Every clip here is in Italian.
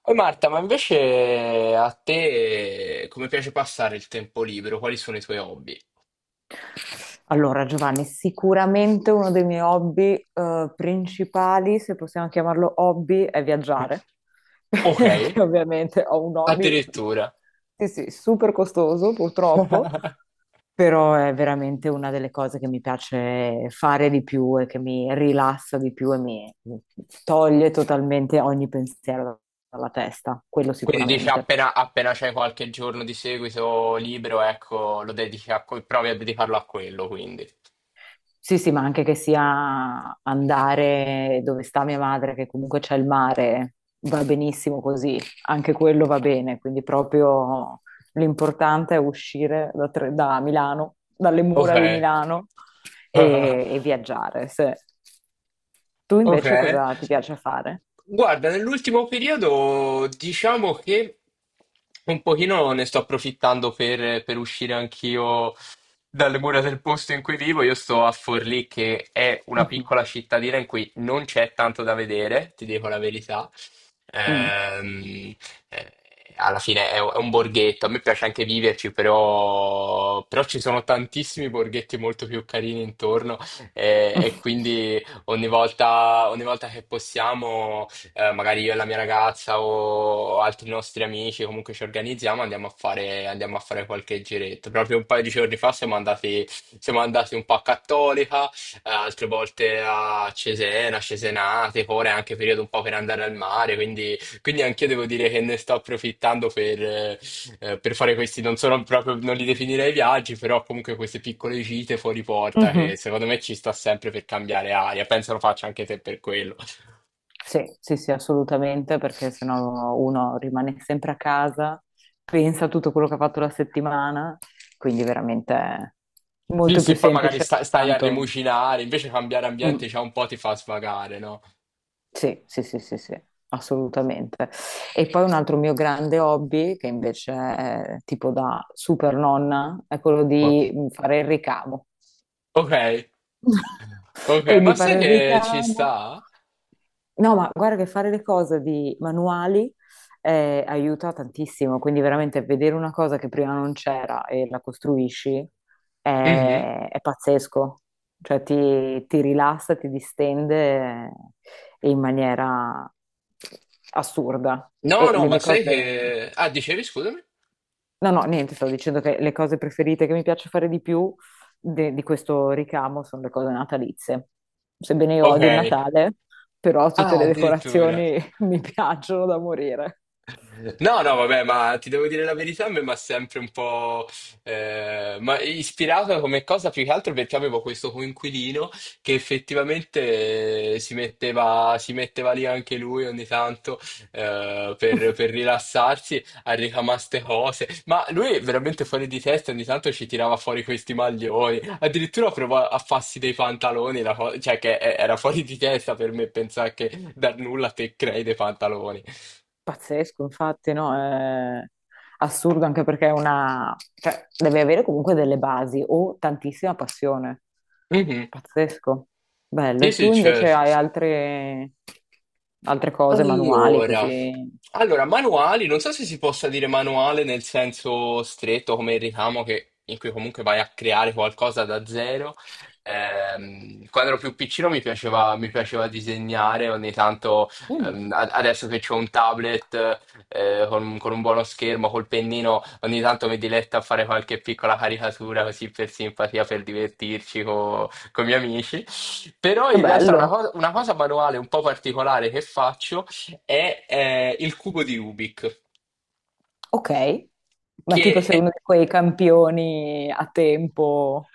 Poi Marta, ma invece a te come piace passare il tempo libero? Quali sono i tuoi hobby? Allora, Giovanni, sicuramente uno dei miei hobby, principali, se possiamo chiamarlo hobby, è viaggiare, Ok, perché ovviamente ho un hobby, addirittura. sì, sì, super costoso purtroppo, però è veramente una delle cose che mi piace fare di più e che mi rilassa di più e mi toglie totalmente ogni pensiero dalla testa, quello Quindi dici sicuramente. appena c'è qualche giorno di seguito libero, ecco, lo dedichi a, provi a dedicarlo a quello, quindi. Sì, sì, ma anche che sia andare dove sta mia madre, che comunque c'è il mare, va benissimo così, anche quello va bene, quindi proprio l'importante è uscire da, da Milano, dalle Ok. mura di Milano e viaggiare. Tu Ok. invece cosa ti piace fare? Guarda, nell'ultimo periodo diciamo che un pochino ne sto approfittando per uscire anch'io dalle mura del posto in cui vivo. Io sto a Forlì, che è una Mhm. piccola cittadina in cui non c'è tanto da vedere, ti dico la verità. Mm. Ehm, eh, Alla fine è un borghetto, a me piace anche viverci, però ci sono tantissimi borghetti molto più carini intorno e quindi ogni volta che possiamo, magari io e la mia ragazza o altri nostri amici, comunque ci organizziamo, andiamo a fare qualche giretto. Proprio un paio di giorni fa siamo andati un po' a Cattolica, altre volte a Cesena, Cesenate, ora è anche periodo un po' per andare al mare, quindi anch'io devo dire che ne sto approfittando per fare questi, non sono proprio, non li definirei viaggi, però comunque queste piccole gite fuori porta che Mhm. secondo me ci sta sempre per cambiare aria. Penso lo faccia anche te per quello. Sì, sì, sì, assolutamente, perché sennò uno rimane sempre a casa, pensa a tutto quello che ha fatto la settimana, quindi veramente è Sì, molto più sì, poi magari semplice stai a intanto. rimucinare, invece cambiare Mm, ambiente già un po' ti fa svagare, no? sì, sì, sì, sì, sì, assolutamente. E poi un altro mio grande hobby, che invece è tipo da super nonna, è quello O- di fare il ricamo. ok, ok, Quindi ma sai fare il che ci ricamo. sta? No, ma guarda che fare le cose di manuali aiuta tantissimo, quindi veramente vedere una cosa che prima non c'era e la costruisci Mhm. È pazzesco, cioè ti rilassa, ti distende in maniera assurda. No, E no, le ma mie sai cose... che, ah, dicevi, scusami? No, no, niente, stavo dicendo che le cose preferite che mi piace fare di più di questo ricamo sono le cose natalizie. Sebbene io Ok. odi il Natale, però tutte Ah, le addirittura. decorazioni mi piacciono da morire. No, no, vabbè, ma ti devo dire la verità, a me mi ha sempre un po' ma ispirato come cosa più che altro perché avevo questo coinquilino che effettivamente si metteva lì anche lui ogni tanto per rilassarsi a ricamare ste cose, ma lui veramente fuori di testa ogni tanto ci tirava fuori questi maglioni, addirittura provò a farsi dei pantaloni, cioè che era fuori di testa per me pensare che da nulla te crei dei pantaloni. Pazzesco, infatti, no? È assurdo anche perché è una... cioè, deve avere comunque delle basi o tantissima passione. Mhm. Pazzesco. Bello. Sì, E sì, tu invece certo. hai altre, altre cose manuali Allora, così? allora, manuali, non so se si possa dire manuale nel senso stretto come il ricamo in cui comunque vai a creare qualcosa da zero. Quando ero più piccino mi piaceva disegnare, ogni tanto, Mm. adesso che ho un tablet con un buono schermo, col pennino, ogni tanto mi diletto a fare qualche piccola caricatura così per simpatia, per divertirci con i miei amici. Però Che in realtà una, bello. co- una cosa manuale un po' particolare che faccio è il cubo di Rubik, Ok. Ma tipo che sei è- uno di quei campioni a tempo.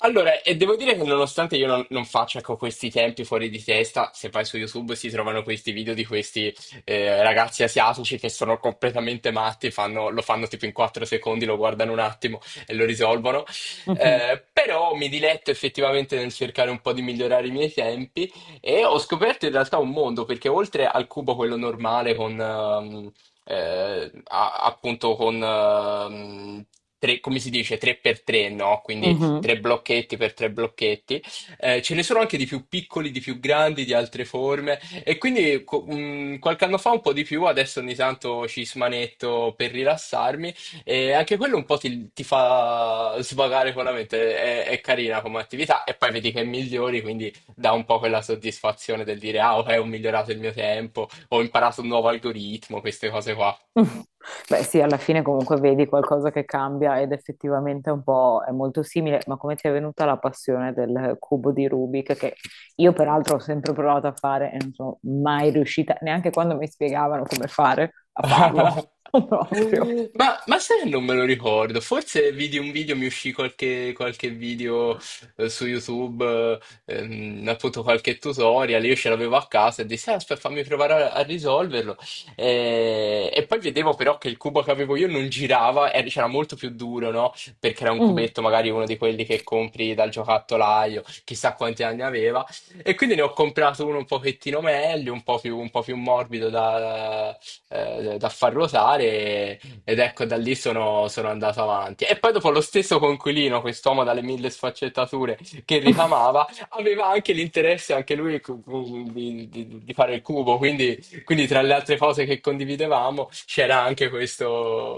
allora, e devo dire che nonostante io non faccia con questi tempi fuori di testa, se vai su YouTube si trovano questi video di questi ragazzi asiatici che sono completamente matti, lo fanno tipo in 4 secondi, lo guardano un attimo e lo risolvono. Mhm, Però mi diletto effettivamente nel cercare un po' di migliorare i miei tempi e ho scoperto in realtà un mondo, perché oltre al cubo quello normale con... a- appunto come si dice, 3x3, no? Quindi mhm. tre blocchetti per tre blocchetti. Ce ne sono anche di più piccoli, di più grandi, di altre forme. E quindi qualche anno fa un po' di più, adesso ogni tanto ci smanetto per rilassarmi. E anche quello un po' ti fa svagare con la mente. È carina come attività. E poi vedi che migliori, quindi dà un po' quella soddisfazione del dire: Ah, ok, ho migliorato il mio tempo, ho imparato un nuovo algoritmo, queste cose qua. Beh, sì, alla fine comunque vedi qualcosa che cambia ed effettivamente è un po' è molto simile, ma come ti è venuta la passione del cubo di Rubik che io peraltro ho sempre provato a fare e non sono mai riuscita, neanche quando mi spiegavano come fare, a farlo proprio. Ma sai che non me lo ricordo, forse vidi un video, mi uscì qualche video su YouTube, appunto qualche tutorial, io ce l'avevo a casa e dissi, "Ah, aspetta, fammi provare a risolverlo. E poi vedevo però che il cubo che avevo io non girava, c'era molto più duro, no? Perché era un Mm. cubetto, magari uno di quelli che compri dal giocattolaio, chissà quanti anni aveva. E quindi ne ho comprato uno un pochettino meglio, un po' più morbido da far ruotare ed ecco da lì sono andato avanti. E poi dopo lo stesso Conquilino, quest'uomo dalle mille sfaccettature che ricamava, aveva anche l'interesse anche lui di fare il cubo, quindi tra le altre cose che condividevamo c'era anche questo,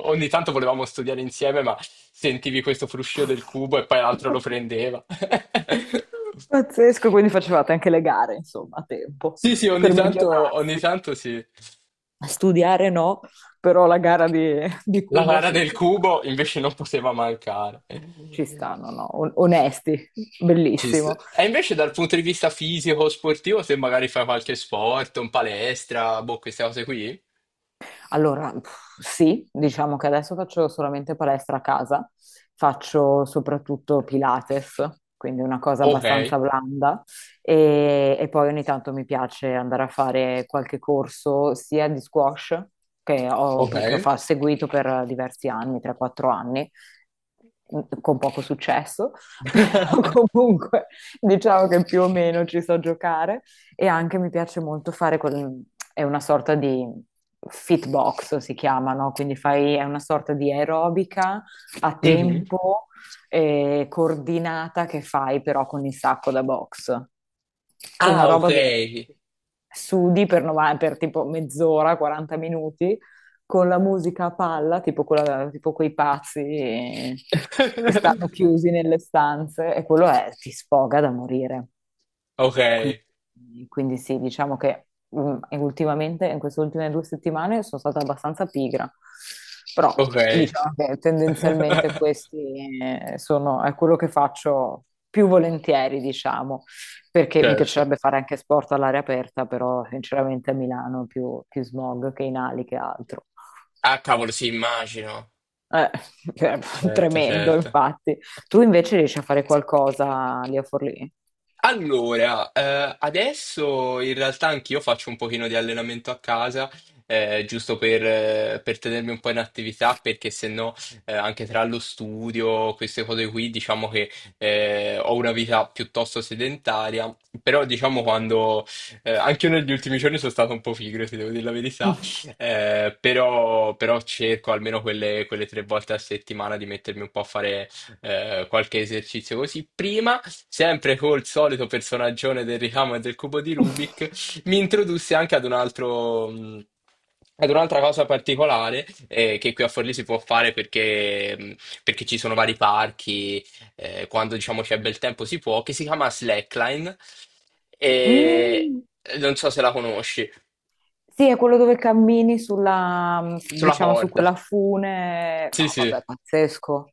ogni tanto volevamo studiare insieme, ma sentivi questo fruscio del cubo e poi l'altro lo prendeva. Pazzesco, quindi facevate anche le gare, insomma, a tempo, Sì, sì, per ogni migliorarsi. tanto sì. Studiare no, però la gara di La cubo vara sì, del ci sta, cubo invece non poteva mancare. ci stanno, no? No, onesti, Ci sta. bellissimo. E invece dal punto di vista fisico, sportivo, se magari fai qualche sport, un palestra, boh, queste cose qui. Allora, pff, sì, diciamo che adesso faccio solamente palestra a casa, faccio soprattutto Pilates, quindi una cosa Ok, abbastanza blanda e poi ogni tanto mi piace andare a fare qualche corso sia di squash che ho, ok. Seguito per diversi anni, 3-4 anni, con poco successo, però comunque diciamo che più o meno ci so giocare e anche mi piace molto fare quel, è una sorta di fitbox si chiama, no? Quindi fai, è una sorta di aerobica a Mhm. tempo coordinata che fai però con il sacco da box. Una Ah, ok. roba dove sudi per, per tipo mezz'ora, 40 minuti, con la musica a palla, tipo, tipo quei pazzi che stanno chiusi nelle stanze, e quello è, ti sfoga da morire. Ok, Quindi, quindi sì, diciamo che mm, e ultimamente, in queste ultime 2 settimane, sono stata abbastanza pigra, però ok. diciamo che tendenzialmente questi sono, è quello che faccio più volentieri, diciamo, perché mi Certo. piacerebbe fare anche sport all'aria aperta, però sinceramente a Milano è più, più smog che in ali che altro. Ah, cavolo, sì, immagino. Eh, cioè, Certo, tremendo, certo. infatti. Tu invece riesci a fare qualcosa lì a Forlì? Allora, adesso in realtà anch'io faccio un pochino di allenamento a casa, giusto per tenermi un po' in attività, perché se no, anche tra lo studio, queste cose qui, diciamo che ho una vita piuttosto sedentaria, però diciamo quando, anche io negli ultimi giorni sono stato un po' pigro, se devo dire la verità, però cerco almeno quelle tre volte a settimana di mettermi un po' a fare qualche esercizio così prima, sempre col solito personaggione del ricamo e del cubo di Rubik, mi introdusse anche ad un altro. Ad un'altra cosa particolare che qui a Forlì si può fare perché, perché ci sono vari parchi, quando diciamo c'è bel tempo si può, che si chiama slackline e Mm. non so se la conosci, Sì, è quello dove cammini sulla, sulla diciamo, su corda. quella fune. No, Sì, sì. vabbè, pazzesco.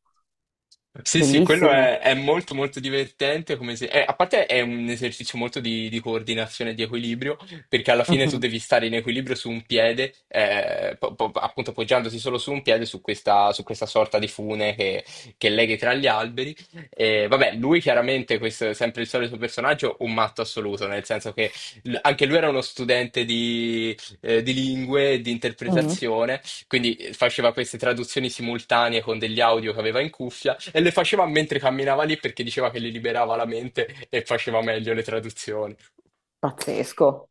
Sì, sì, quello Bellissimo. è molto molto divertente, come a parte è un esercizio molto di coordinazione e di equilibrio, perché alla fine tu Mhm. devi stare in equilibrio su un piede, appunto appoggiandosi solo su un piede, su questa sorta di fune che leghi tra gli alberi. E, vabbè, lui chiaramente, questo è sempre il solito personaggio, un matto assoluto, nel senso che anche lui era uno studente di lingue, e di Mhm. interpretazione, quindi faceva queste traduzioni simultanee con degli audio che aveva in cuffia e le faceva mentre camminava lì perché diceva che gli liberava la mente e faceva meglio le traduzioni. Pazzesco.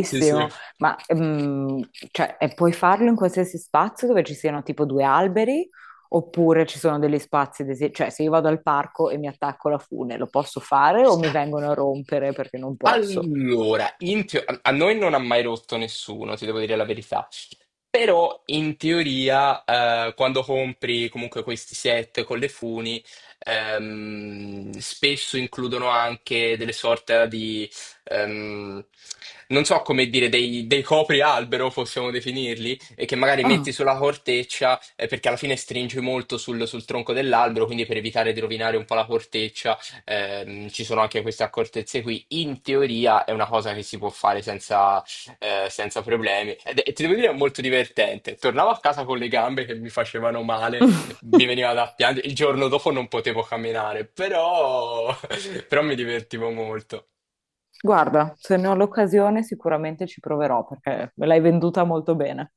Sì, sì. Ma cioè, e puoi farlo in qualsiasi spazio dove ci siano tipo due alberi, oppure ci sono degli spazi, cioè se io vado al parco e mi attacco alla fune, lo posso fare o mi vengono a rompere perché non posso? Allora, a noi non ha mai rotto nessuno, ti devo dire la verità. Però in teoria, quando compri comunque questi set con le funi, spesso includono anche delle sorte di, ehm, non so come dire, dei coprialbero, possiamo definirli, e che magari Ah. metti sulla corteccia, perché alla fine stringi molto sul tronco dell'albero, quindi per evitare di rovinare un po' la corteccia, ci sono anche queste accortezze qui. In teoria è una cosa che si può fare senza problemi. Ti devo dire, è molto divertente. Tornavo a casa con le gambe che mi facevano male, mi veniva da piangere. Il giorno dopo non potevo camminare, però, però mi divertivo molto. Guarda, se ne ho l'occasione sicuramente ci proverò perché me l'hai venduta molto bene.